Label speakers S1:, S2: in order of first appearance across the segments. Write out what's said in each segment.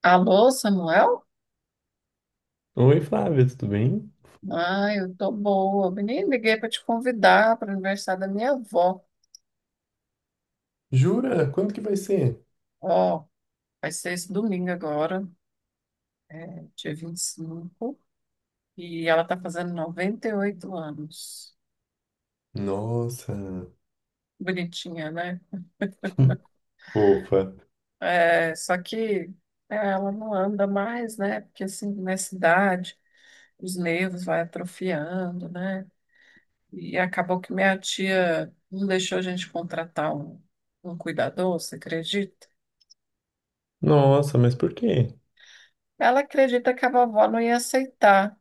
S1: Alô, Samuel?
S2: Oi, Flávia, tudo bem?
S1: Ah, eu tô boa. Eu nem liguei para te convidar para o aniversário da minha avó.
S2: Jura? Quando que vai ser?
S1: Ó, vai ser esse domingo agora, dia 25, e ela tá fazendo 98 anos.
S2: Nossa,
S1: Bonitinha, né?
S2: fofa.
S1: É, só que ela não anda mais, né? Porque assim, nessa idade, os nervos vai atrofiando, né? E acabou que minha tia não deixou a gente contratar um cuidador, você acredita?
S2: Nossa, mas por quê?
S1: Ela acredita que a vovó não ia aceitar,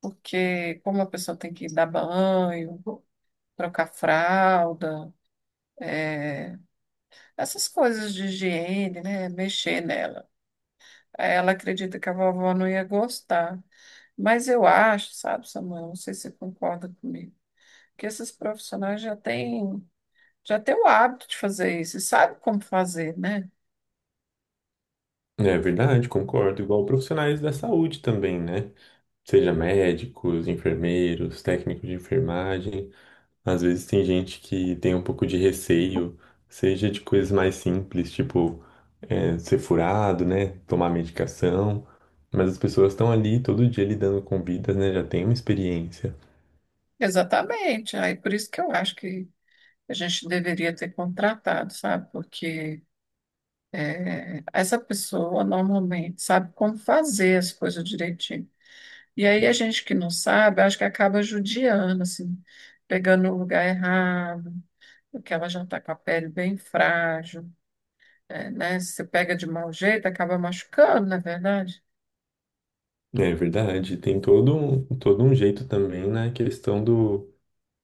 S1: porque como a pessoa tem que dar banho, trocar fralda, é, essas coisas de higiene, né, mexer nela. Ela acredita que a vovó não ia gostar. Mas eu acho, sabe, Samuel, não sei se você concorda comigo, que esses profissionais já têm o hábito de fazer isso e sabem como fazer, né?
S2: É verdade, concordo. Igual profissionais da saúde também, né? Seja médicos, enfermeiros, técnicos de enfermagem. Às vezes tem gente que tem um pouco de receio, seja de coisas mais simples, tipo ser furado, né? Tomar medicação. Mas as pessoas estão ali todo dia lidando com vidas, né? Já tem uma experiência.
S1: Exatamente. Aí por isso que eu acho que a gente deveria ter contratado, sabe? Porque é, essa pessoa normalmente sabe como fazer as coisas direitinho. E aí a gente que não sabe, acho que acaba judiando, assim, pegando o lugar errado, porque ela já está com a pele bem frágil, né? Se você pega de mau jeito, acaba machucando, não é verdade?
S2: É verdade, tem todo um jeito também na questão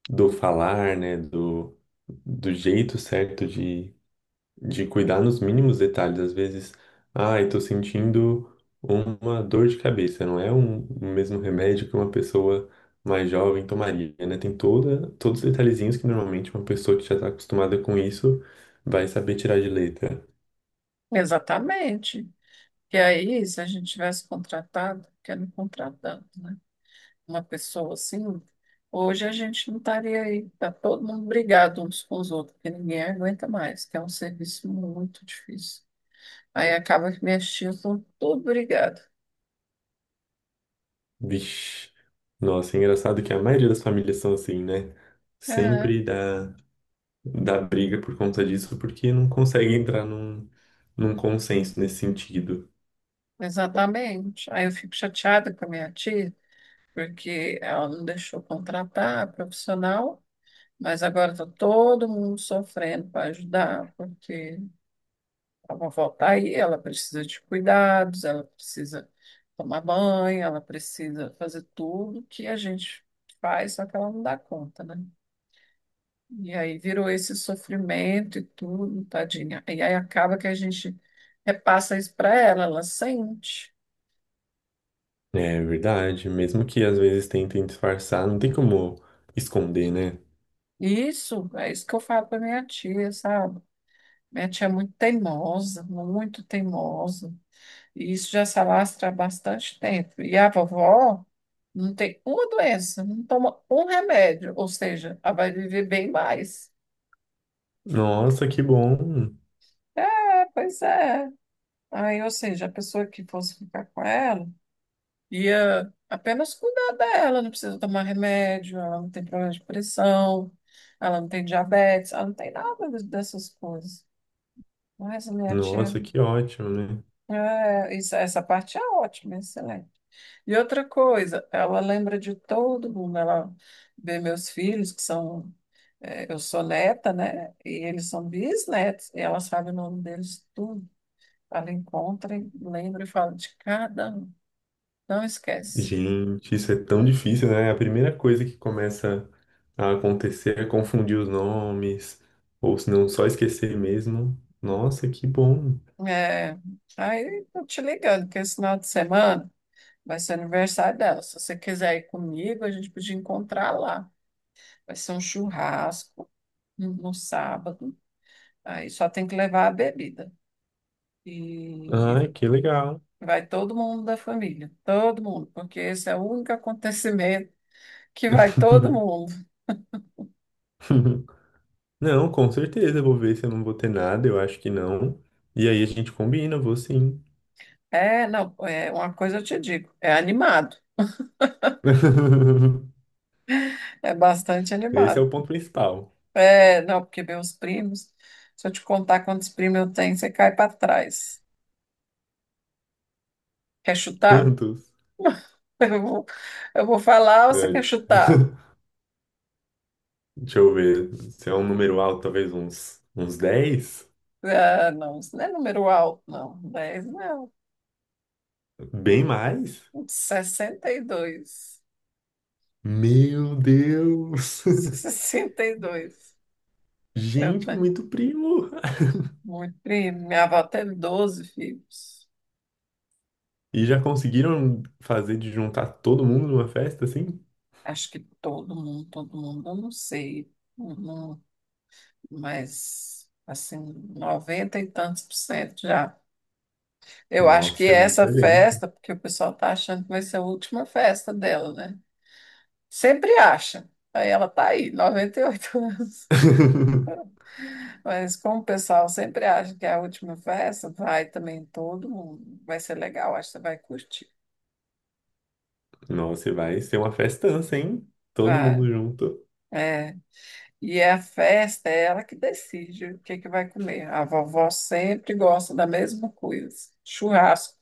S2: do falar, né? Do jeito certo de cuidar nos mínimos detalhes. Às vezes, ai, tô sentindo uma dor de cabeça, não é um, o mesmo remédio que uma pessoa mais jovem tomaria, né? Tem todos os detalhezinhos que normalmente uma pessoa que já tá acostumada com isso vai saber tirar de letra.
S1: Exatamente. E aí, se a gente tivesse contratado, porque não contratando, né? Uma pessoa assim, hoje a gente não estaria aí, tá todo mundo brigado uns com os outros, porque ninguém aguenta mais, que é um serviço muito difícil. Aí acaba que minhas tias estão tudo brigado.
S2: Vixe, nossa, é engraçado que a maioria das famílias são assim, né?
S1: É,
S2: Sempre dá da briga por conta disso, porque não consegue entrar num consenso nesse sentido.
S1: exatamente. Aí eu fico chateada com a minha tia, porque ela não deixou contratar a profissional, mas agora está todo mundo sofrendo para ajudar, porque ela volta aí, ela precisa de cuidados, ela precisa tomar banho, ela precisa fazer tudo que a gente faz, só que ela não dá conta, né? E aí virou esse sofrimento e tudo, tadinha. E aí acaba que a gente repassa isso para ela, ela sente.
S2: É verdade, mesmo que às vezes tentem disfarçar, não tem como esconder, né?
S1: E isso, é isso que eu falo para minha tia, sabe? Minha tia é muito teimosa, muito teimosa. E isso já se alastra há bastante tempo. E a vovó não tem uma doença, não toma um remédio, ou seja, ela vai viver bem mais.
S2: Nossa, que bom!
S1: É, pois é. Aí, ou seja, a pessoa que fosse ficar com ela ia apenas cuidar dela, não precisa tomar remédio, ela não tem problema de pressão, ela não tem diabetes, ela não tem nada dessas coisas. Mas a minha tia,
S2: Nossa, que ótimo, né?
S1: é, essa parte é ótima, excelente. E outra coisa, ela lembra de todo mundo. Ela vê meus filhos, que são. Eu sou neta, né? E eles são bisnetos. E ela sabe o nome deles tudo. Ela encontra, e lembra e fala de cada um. Não esquece.
S2: Gente, isso é tão difícil, né? É a primeira coisa que começa a acontecer é confundir os nomes, ou se não, só esquecer mesmo. Nossa, que bom!
S1: É, aí tô te ligando, porque esse final de semana vai ser aniversário dela. Se você quiser ir comigo, a gente podia encontrar lá. Vai ser um churrasco no sábado. Aí só tem que levar a bebida. E
S2: Ai, que legal!
S1: vai todo mundo da família, todo mundo, porque esse é o único acontecimento que vai todo mundo.
S2: Não, com certeza, eu vou ver se eu não vou ter nada, eu acho que não. E aí a gente combina, vou sim.
S1: É, não, é uma coisa eu te digo, é animado, é bastante
S2: Esse é
S1: animado.
S2: o ponto principal.
S1: É, não, porque meus primos, se eu te contar quantos primos eu tenho, você cai para trás. Quer chutar?
S2: Quantos?
S1: Eu vou, eu vou falar ou você quer
S2: Antes.
S1: chutar?
S2: Deixa eu ver. Se é um número alto, talvez uns 10.
S1: Ah, não, isso não é número alto, não. Dez, não.
S2: Bem mais?
S1: 62.
S2: Meu Deus!
S1: 62. Eu
S2: Gente, é
S1: tenho.
S2: muito primo!
S1: Muito bem. Minha avó teve 12 filhos.
S2: E já conseguiram fazer de juntar todo mundo numa festa assim?
S1: Acho que todo mundo, eu não sei. Não, mas, assim, 90 e tantos por cento já. Eu acho que
S2: Nossa, é
S1: essa
S2: muita gente.
S1: festa, porque o pessoal tá achando que vai ser a última festa dela, né? Sempre acha. Aí ela tá aí, 98 anos. Mas como o pessoal sempre acha que é a última festa, vai também todo mundo. Vai ser legal, acho que você vai curtir.
S2: Nossa, e vai ser uma festança, hein? Todo
S1: Vai.
S2: mundo junto.
S1: É. E é a festa é ela que decide o que que vai comer. A vovó sempre gosta da mesma coisa, churrasco.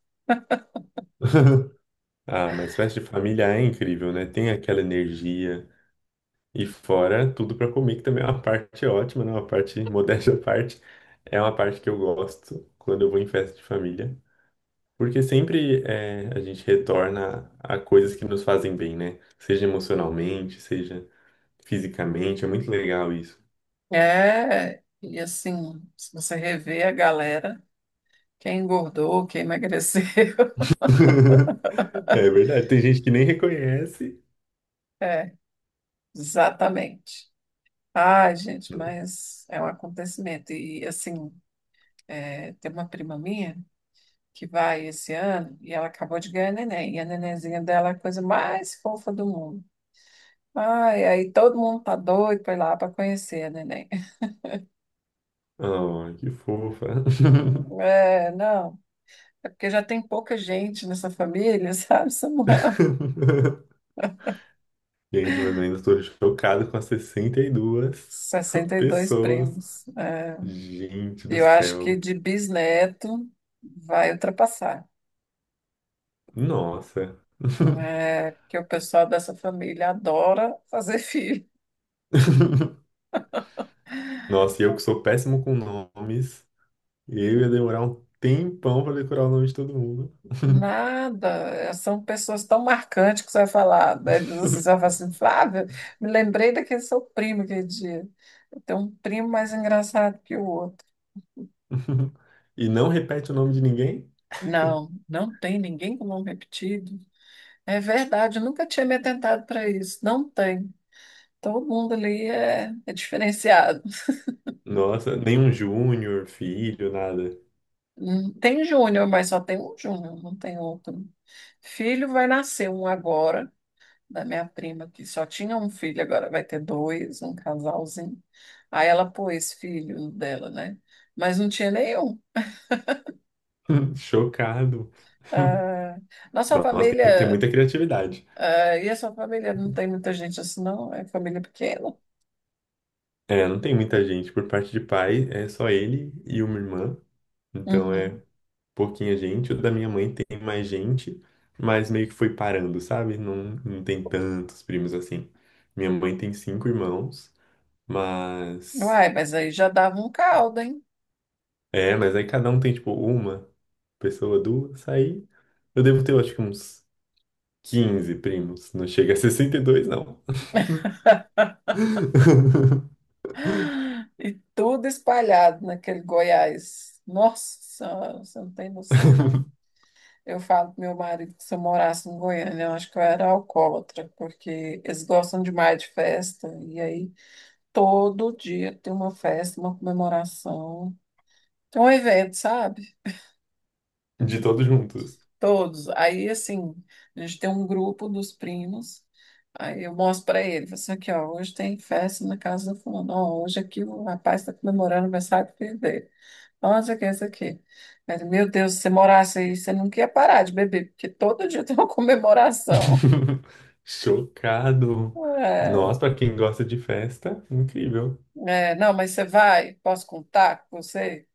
S2: Ah, mas festa de família é incrível, né? Tem aquela energia. E fora tudo pra comer, que também é uma parte ótima, né? Uma parte, modéstia à parte, é uma parte que eu gosto quando eu vou em festa de família. Porque sempre é, a gente retorna a coisas que nos fazem bem, né? Seja emocionalmente, seja fisicamente. É muito legal isso.
S1: É, e assim, se você rever a galera, quem engordou, quem emagreceu,
S2: É verdade. Tem gente que nem reconhece.
S1: é, exatamente. Ai, gente, mas é um acontecimento. E assim, é, tem uma prima minha que vai esse ano e ela acabou de ganhar neném. E a nenenzinha dela é a coisa mais fofa do mundo. Ai, aí todo mundo tá doido para ir lá para conhecer a neném.
S2: Oh, que fofa.
S1: É, não. É porque já tem pouca gente nessa família, sabe, Samuel?
S2: Gente, mas eu ainda estou chocado com as 62
S1: sessenta e dois
S2: pessoas.
S1: primos. É,
S2: Gente do
S1: eu acho que
S2: céu.
S1: de bisneto vai ultrapassar.
S2: Nossa.
S1: É, porque o pessoal dessa família adora fazer filho.
S2: Nossa, e eu que sou péssimo com nomes, eu ia demorar um tempão para decorar o nome de todo mundo.
S1: Nada. É, são pessoas tão marcantes que você vai falar. Né, você vai falar assim, Flávia, me lembrei daquele seu primo aquele dia. Eu tenho um primo mais engraçado que o outro.
S2: E não repete o nome de ninguém?
S1: Não, não tem ninguém com nome repetido. É verdade, eu nunca tinha me atentado para isso. Não tem. Todo mundo ali é diferenciado.
S2: Nossa, nenhum Júnior, filho, nada.
S1: Tem júnior, mas só tem um júnior, não tem outro. Filho vai nascer um agora, da minha prima, que só tinha um filho, agora vai ter dois, um casalzinho. Aí ela pôs filho dela, né? Mas não tinha nenhum.
S2: Chocado.
S1: Ah, nossa
S2: Nossa, tem que ter
S1: família,
S2: muita criatividade.
S1: ah, e a sua família não tem muita gente assim, não? É família pequena.
S2: É, não tem muita gente. Por parte de pai, é só ele e uma irmã. Então é
S1: Uhum.
S2: pouquinha gente, o da minha mãe tem mais gente, mas meio que foi parando, sabe? Não, não tem tantos primos assim. Minha mãe tem cinco irmãos, mas.
S1: Uai, mas aí já dava um caldo, hein?
S2: É, mas aí cada um tem tipo uma pessoa, duas, aí eu devo ter, eu acho que uns 15 primos. Não chega a 62 não.
S1: E tudo espalhado naquele Goiás. Nossa, Senhora, você não tem noção, não. Eu falo pro meu marido que se eu morasse em Goiânia, eu acho que eu era alcoólatra, porque eles gostam demais de festa. E aí, todo dia tem uma festa, uma comemoração. Tem um evento, sabe?
S2: De todos juntos.
S1: Todos. Aí, assim, a gente tem um grupo dos primos. Aí eu mostro para ele, falo assim aqui, ó, hoje tem festa na casa do fulano. Ó, hoje aqui o rapaz está comemorando o aniversário do filho dele. Onde é que é isso aqui? Mas, meu Deus, se você morasse aí, você nunca ia parar de beber, porque todo dia tem uma comemoração.
S2: Chocado.
S1: É,
S2: Nossa, pra quem gosta de festa, incrível.
S1: não, mas você vai? Posso contar com você?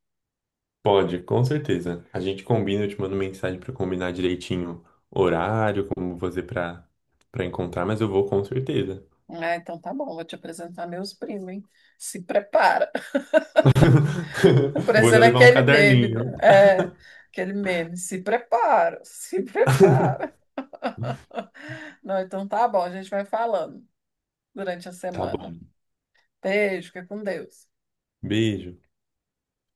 S2: Pode, com certeza. A gente combina, eu te mando mensagem para combinar direitinho horário, como você para para encontrar, mas eu vou com certeza.
S1: Ah, então tá bom, vou te apresentar meus primos, hein? Se prepara.
S2: Vou já
S1: Parecendo
S2: levar um
S1: aquele meme,
S2: caderninho.
S1: né? É, aquele meme. Se prepara, se prepara. Não, então tá bom, a gente vai falando durante a
S2: Tá bom.
S1: semana. Beijo, fica com Deus.
S2: Beijo.